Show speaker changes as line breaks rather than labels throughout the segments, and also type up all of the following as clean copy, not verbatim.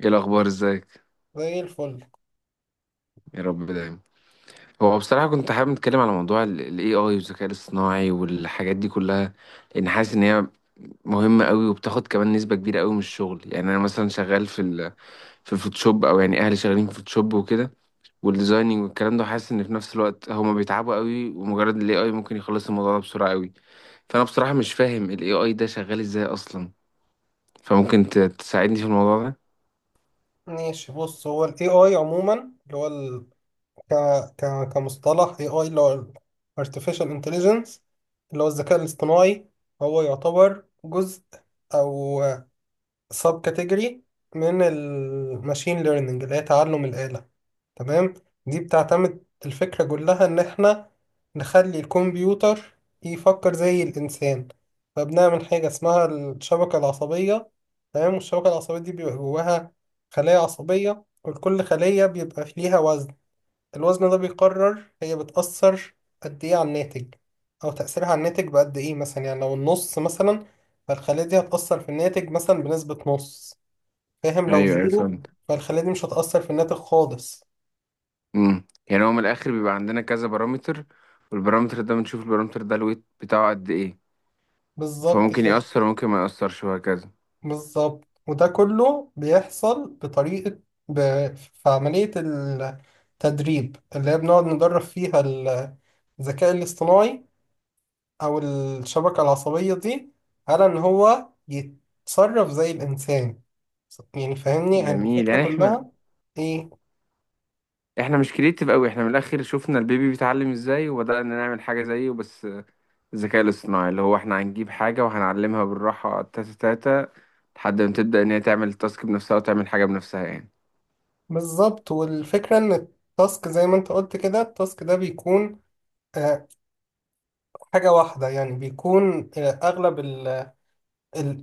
ايه الاخبار ازيك؟
زي الفل.
يا رب دايما. هو بصراحه كنت حابب نتكلم على موضوع الاي اي والذكاء الاصطناعي والحاجات دي كلها، لان حاسس ان هي مهمه قوي وبتاخد كمان نسبه كبيره قوي من الشغل. يعني انا مثلا شغال في الفوتوشوب، او يعني اهلي شغالين في الفوتوشوب وكده والديزايننج والكلام ده. حاسس ان في نفس الوقت هما بيتعبوا قوي ومجرد الاي اي ممكن يخلص الموضوع ده بسرعه قوي. فانا بصراحه مش فاهم الاي اي ده شغال ازاي اصلا، فممكن تساعدني في الموضوع ده.
ماشي، بص، هو ال AI عموما، اللي هو ك... كمصطلح AI اللي هو ال Artificial Intelligence اللي هو الذكاء الاصطناعي، هو يعتبر جزء أو sub category من ال Machine Learning اللي هي تعلم الآلة. تمام. دي بتعتمد الفكرة كلها إن إحنا نخلي الكمبيوتر يفكر زي الإنسان، فبنعمل حاجة اسمها الشبكة العصبية. تمام. والشبكة العصبية دي بيبقى جواها خلايا عصبية، ولكل خلية بيبقى ليها وزن. الوزن ده بيقرر هي بتأثر قد إيه على الناتج، أو تأثيرها على الناتج بقد إيه. مثلا يعني لو النص مثلا، فالخلية دي هتأثر في الناتج مثلا بنسبة نص. فاهم؟ لو
ايوه، ايوه،
زيرو
فاهم.
فالخلية دي مش هتأثر في الناتج خالص.
يعني هو من الاخر بيبقى عندنا كذا بارامتر، والبارامتر ده بنشوف البارامتر ده الويت بتاعه قد ايه،
بالظبط
فممكن
كده.
يأثر وممكن ما يأثرش وهكذا.
بالظبط، وده كله بيحصل بطريقة ب... في عملية التدريب، اللي هي بنقعد ندرب فيها الذكاء الاصطناعي أو الشبكة العصبية دي، على إن هو يتصرف زي الإنسان. يعني فاهمني، يعني
جميل.
الفكرة
يعني احنا
كلها. إيه؟
احنا مش كريتيف قوي، احنا من الاخر شفنا البيبي بيتعلم ازاي وبدأنا نعمل حاجة زيه. بس الذكاء الاصطناعي اللي هو احنا هنجيب حاجة وهنعلمها بالراحة تاتا تاتا لحد ما تبدأ ان هي تعمل التاسك بنفسها وتعمل حاجة بنفسها يعني.
بالظبط. والفكرة إن التاسك، زي ما أنت قلت كده، التاسك ده بيكون آه، حاجة واحدة. يعني بيكون أغلب ال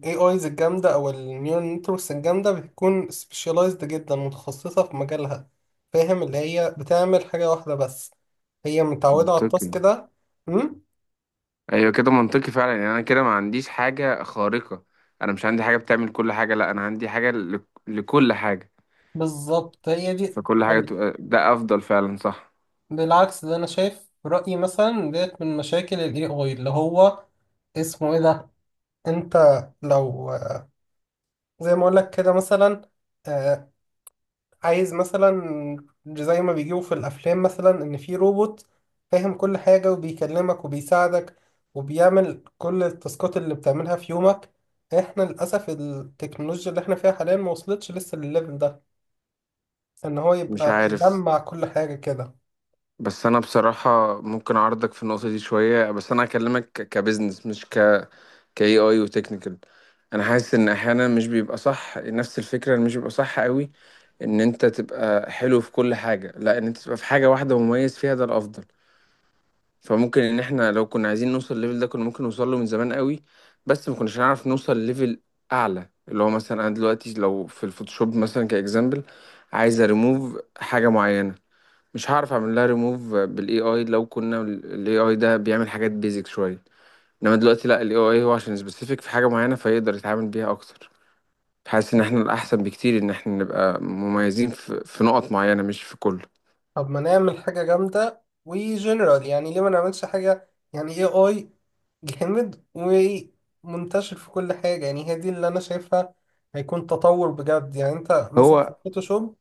AIs الجامدة أو ال Neural Networks الجامدة بتكون specialized جدا، متخصصة في مجالها. فاهم؟ اللي هي بتعمل حاجة واحدة بس، هي متعودة على
منطقي.
التاسك ده. أم؟
ايوه، كده منطقي فعلا. يعني انا كده ما عنديش حاجة خارقة، انا مش عندي حاجة بتعمل كل حاجة، لا، انا عندي حاجة لكل حاجة،
بالظبط، هي دي.
فكل حاجة
يعني
تبقى ده أفضل فعلا، صح؟
بالعكس، ده أنا شايف رأيي مثلا ديت من مشاكل ال AI. اللي هو اسمه إيه ده؟ أنت لو، زي ما أقولك كده مثلا، آه، عايز مثلا زي ما بيجيبوا في الافلام مثلا، ان في روبوت فاهم كل حاجه وبيكلمك وبيساعدك وبيعمل كل التاسكات اللي بتعملها في يومك. احنا للاسف التكنولوجيا اللي احنا فيها حاليا ما وصلتش لسه للليفل ده، ان هو
مش
يبقى
عارف.
مجمع كل حاجه كده.
بس أنا بصراحة ممكن أعرضك في النقطة دي شوية، بس أنا هكلمك كبزنس مش ك AI وتكنيكال. أنا حاسس إن أحيانا مش بيبقى صح نفس الفكرة، إن مش بيبقى صح قوي إن أنت تبقى حلو في كل حاجة، لا، إن أنت تبقى في حاجة واحدة مميز فيها، ده الأفضل. فممكن ان احنا لو كنا عايزين نوصل الليفل ده كنا ممكن نوصل له من زمان قوي، بس ما كناش هنعرف نوصل ليفل اعلى. اللي هو مثلا انا دلوقتي لو في الفوتوشوب مثلا كاكزامبل، عايز ريموف حاجه معينه، مش هعرف اعمل لها ريموف بالاي اي لو كنا الاي اي ده بيعمل حاجات بيزك شويه. انما دلوقتي لا، الاي اي هو عشان سبيسيفيك في حاجه معينه فيقدر يتعامل بيها اكتر. حاسس ان احنا الاحسن بكتير ان احنا نبقى مميزين في نقط معينه مش في كله.
طب ما نعمل حاجه جامده وجنرال، يعني ليه ما نعملش حاجه يعني اي اي جامد ومنتشر في كل حاجه؟ يعني هي دي اللي انا شايفها، هيكون تطور بجد. يعني انت مثلا في
هو
الفوتوشوب،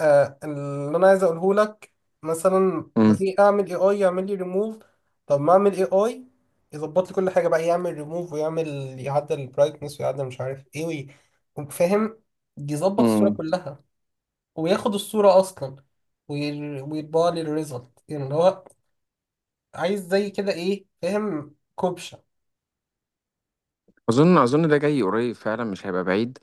آه اللي انا عايز اقوله لك، مثلا ليه اعمل اي اي يعمل لي ريموف؟ طب ما اعمل اي اي يظبط لي كل حاجه بقى، يعمل ريموف ويعمل، يعدل البرايتنس ويعدل مش عارف ايه فاهم؟ يظبط الصوره
امم
كلها وياخد الصوره اصلا ويطبع لي الريزلت، يعني اللي هو عايز زي كده ايه. فاهم كوبشه؟
اظن ده جاي قريب فعلا، مش هيبقى بعيد،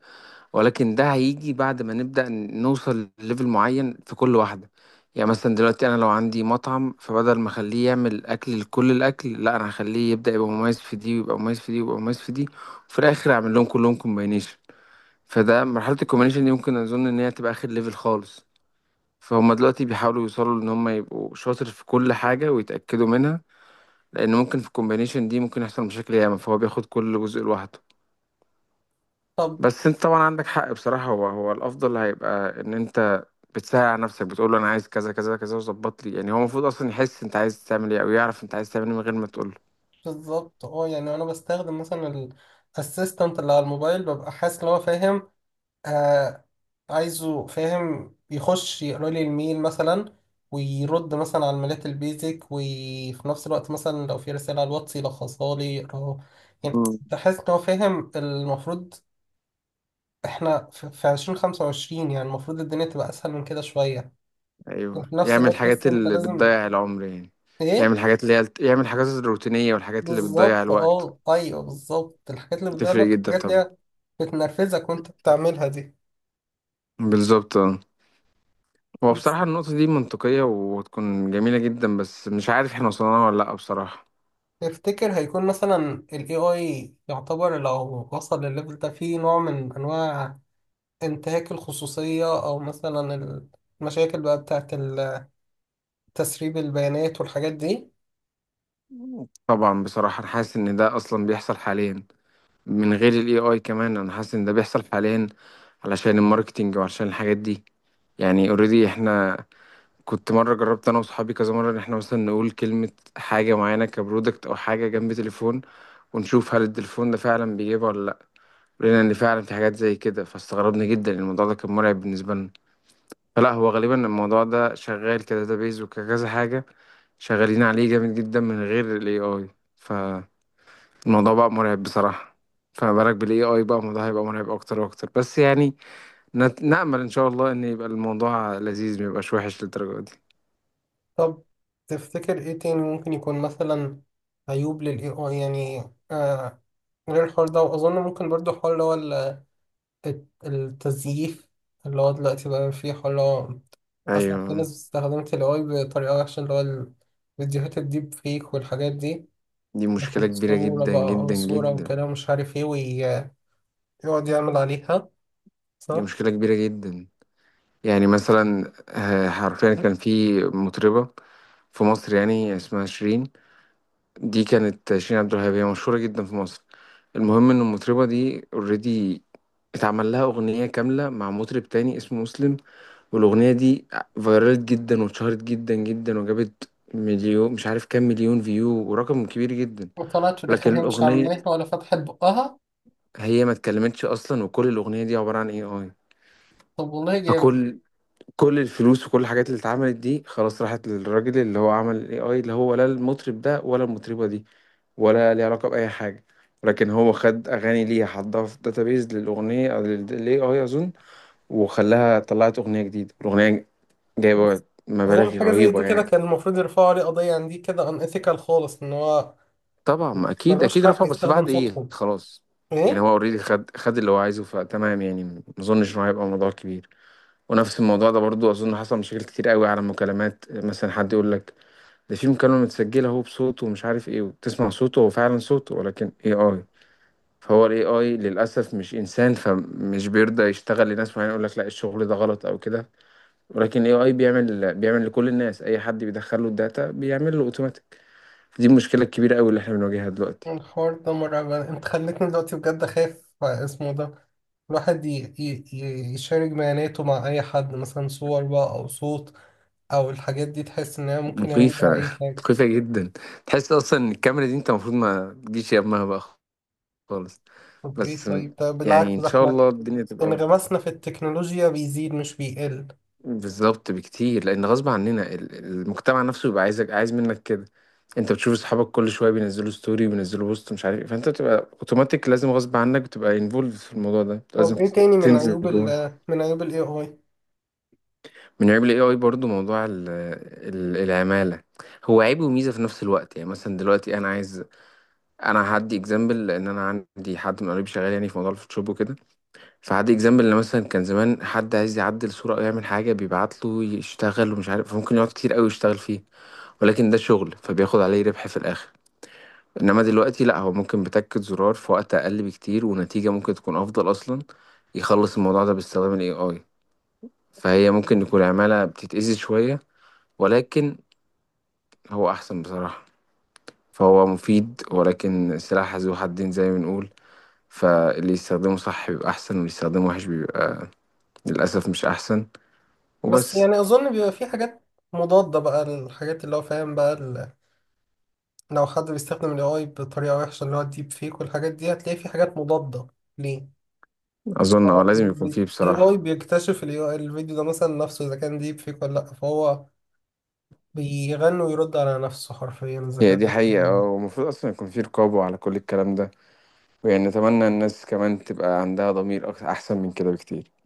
ولكن ده هيجي بعد ما نبدأ نوصل لليفل معين في كل واحدة. يعني مثلا دلوقتي أنا لو عندي مطعم، فبدل ما أخليه يعمل أكل لكل الأكل، لا، أنا هخليه يبدأ يبقى مميز في دي ويبقى مميز في دي ويبقى مميز في دي، وفي الآخر أعمل لهم كلهم كومباينيشن. فده مرحلة الكومباينيشن دي ممكن أظن إن هي تبقى آخر ليفل خالص. فهم دلوقتي بيحاولوا يوصلوا إن هم يبقوا شاطر في كل حاجة ويتأكدوا منها، لأن ممكن في الكومباينيشن دي ممكن يحصل مشاكل ياما، فهو بياخد كل جزء لوحده.
طب
بس انت طبعا عندك حق بصراحة، هو الافضل هيبقى ان انت بتساعد على نفسك، بتقول له انا عايز كذا كذا كذا وظبط لي. يعني هو المفروض اصلا يحس انت عايز تعمل ايه، او يعرف انت عايز تعمل ايه من غير ما تقول له.
بالظبط. اه يعني انا بستخدم مثلا الاسيستنت اللي على الموبايل، ببقى حاسس ان هو فاهم آه عايزه، فاهم، يخش يقرا لي الميل مثلا ويرد مثلا على الميلات البيزك، وفي نفس الوقت مثلا لو في رسالة على الواتس يلخصها لي يقراها. يعني
مم.
بحس ان هو فاهم. المفروض احنا في 2025، يعني المفروض الدنيا تبقى اسهل من كده شوية،
ايوه،
وفي نفس
يعمل
الوقت
الحاجات
لسه انت
اللي
لازم
بتضيع العمر يعني.
ايه.
يعمل الحاجات الروتينية والحاجات اللي بتضيع
بالظبط.
الوقت.
اه، ايوه بالظبط، الحاجات اللي
تفرق
بتضايقك،
جدا
الحاجات اللي
طبعا.
هي بتنرفزك وانت بتعملها دي.
بالظبط، اه. هو بصراحة النقطة دي منطقية وتكون جميلة جدا، بس مش عارف احنا وصلنا لها ولا لأ بصراحة.
تفتكر هيكون مثلا ال AI يعتبر لو وصل للليفل ده فيه نوع من أنواع انتهاك الخصوصية، أو مثلا المشاكل بقى بتاعت تسريب البيانات والحاجات دي؟
طبعا بصراحة أنا حاسس إن ده أصلا بيحصل حاليا من غير الاي اي كمان. انا حاسس ان ده بيحصل حاليا علشان الماركتينج وعلشان الحاجات دي. يعني اوريدي احنا كنت مره جربت انا وصحابي كذا مره ان احنا مثلا نقول كلمه، حاجه معينه كبرودكت او حاجه، جنب تليفون، ونشوف هل التليفون ده فعلا بيجيبها ولا لا. لقينا ان فعلا في حاجات زي كده، فاستغربنا جدا. الموضوع ده كان مرعب بالنسبه لنا. فلا، هو غالبا الموضوع ده شغال كداتابيز وكذا حاجه، شغالين عليه جامد جدا من غير الاي اي. الموضوع بقى مرعب بصراحة، فما بالك بالاي اي بقى، الموضوع هيبقى مرعب اكتر واكتر. بس يعني نأمل ان شاء الله ان يبقى الموضوع لذيذ، ما يبقاش وحش للدرجة دي.
طب تفتكر إيه تاني ممكن يكون مثلا عيوب لل AI يعني؟ آه غير الحوار ده. وأظن ممكن برضو حوار اللي هو التزييف، اللي هو دلوقتي بقى فيه حوار اللي هو أصلا في
ايوه.
ناس استخدمت ال AI بطريقة وحشة، اللي هو الفيديوهات الديب فيك والحاجات دي.
دي مشكلة
ياخد
كبيرة
صورة
جدا
بقى أو
جدا
صورة
جدا.
وكلام مش عارف إيه، ويقعد يعمل عليها.
دي
صح؟
مشكلة كبيرة جدا. يعني مثلا حرفيا كان في مطربة في مصر يعني اسمها شيرين. دي كانت شيرين عبد الوهاب، هي مشهورة جدا في مصر. المهم ان المطربة دي اوريدي اتعمل لها اغنية كاملة مع مطرب تاني اسمه مسلم، والأغنية دي فيرالت جدا واتشهرت جدا جدا، وجابت مليون، مش عارف كام مليون فيو، ورقم كبير جدا.
وطلعت في الآخر
لكن
هي مش
الأغنية
عاملاها ولا فتحت بقها.
هي ما اتكلمتش أصلا، وكل الأغنية دي عبارة عن AI.
طب والله جامد.
فكل الفلوس وكل الحاجات اللي اتعملت دي خلاص راحت للراجل اللي هو عمل ال AI، اللي هو لا المطرب ده ولا المطربة دي ولا ليه علاقة بأي حاجة. لكن هو خد أغاني ليها حطها في داتابيز للأغنية أو لل AI أظن، وخلاها طلعت أغنية جديدة. الأغنية جايبة
بس
مبالغ
أظن حاجة زي دي
رهيبة
كده
يعني.
كان المفروض يرفعوا عليه قضية، عن دي كده unethical خالص، إن هو
طبعا، ما اكيد
ملوش
اكيد
حق
رفع، بس
يستخدم
بعد ايه،
صوتهم.
خلاص. يعني هو
إيه؟
اوريدي خد اللي هو عايزه فتمام. يعني ما اظنش انه هيبقى موضوع كبير. ونفس الموضوع ده برضو اظن حصل مشاكل كتير قوي على المكالمات، مثلا حد يقول لك ده في مكالمة متسجلة هو بصوته ومش عارف ايه، وتسمع صوته، هو فعلا صوته، ولكن اي اي. فهو الاي اي للاسف مش انسان، فمش بيرضى يشتغل لناس معينه يقول لك لا الشغل ده غلط او كده، ولكن الاي اي بيعمل لكل الناس، اي حد بيدخل له الداتا بيعمل له اوتوماتيك. دي المشكله الكبيره قوي اللي احنا بنواجهها دلوقتي.
الحوار ده مرعب، أنت خلتني دلوقتي بجد أخاف اسمه ده. الواحد يشارك بياناته مع أي حد، مثلا صور بقى أو صوت أو الحاجات دي، تحس إن هي ممكن يعمل بيها
مخيفة.
أي حاجة.
مخيفة جدا. تحس أصلا إن الكاميرا دي أنت المفروض ما تجيش يمها بقى، خالص.
طب ايه؟
بس
طيب. طب
يعني
بالعكس،
إن
ده
شاء
احنا
الله الدنيا تبقى أفضل.
انغمسنا في التكنولوجيا بيزيد مش بيقل.
بالظبط بكتير، لأن غصب عننا المجتمع نفسه بيبقى عايز منك كده. أنت بتشوف أصحابك كل شوية بينزلوا ستوري وبينزلوا بوست مش عارف إيه، فأنت بتبقى أوتوماتيك لازم، غصب عنك بتبقى انفولد في الموضوع ده لازم
طب ايه تاني من
تنزل
عيوب
جوه.
ال، من عيوب الاي اي؟
من عيب ال AI برضو موضوع العمالة. هو عيب وميزة في نفس الوقت. يعني مثلا دلوقتي أنا عايز انا هدي اكزامبل، لان انا عندي حد من قريب شغال يعني في موضوع الفوتوشوب وكده. فهدي اكزامبل ان مثلا كان زمان حد عايز يعدل صوره او يعمل حاجه، بيبعت له يشتغل ومش عارف، فممكن يقعد كتير قوي يشتغل فيه، ولكن ده شغل فبياخد عليه ربح في الاخر. انما دلوقتي لا، هو ممكن بتكة زرار في وقت اقل بكتير ونتيجه ممكن تكون افضل اصلا، يخلص الموضوع ده باستخدام الاي اي. فهي ممكن يكون عماله بتتأذي شويه، ولكن هو احسن بصراحه. فهو مفيد، ولكن سلاح ذو حدين زي ما بنقول. فاللي يستخدمه صح بيبقى أحسن، واللي يستخدمه وحش بيبقى للأسف مش أحسن.
بس
وبس.
يعني اظن بيبقى في حاجات مضادة بقى، الحاجات اللي هو فاهم بقى لو حد بيستخدم الاي اي بطريقة وحشة، اللي هو الديب فيك والحاجات دي، هتلاقي في حاجات مضادة ليه؟
أظن لازم يكون فيه
الاي اي
بصراحة.
بيكتشف ال AI الفيديو ده مثلا نفسه اذا كان ديب فيك ولا لا، فهو بيغني ويرد على نفسه حرفيا اذا
هي دي حقيقة،
كان
ومفروض أصلا يكون فيه رقابة على كل الكلام ده. ويعني أتمنى الناس كمان تبقى عندها ضمير أحسن من كده بكتير.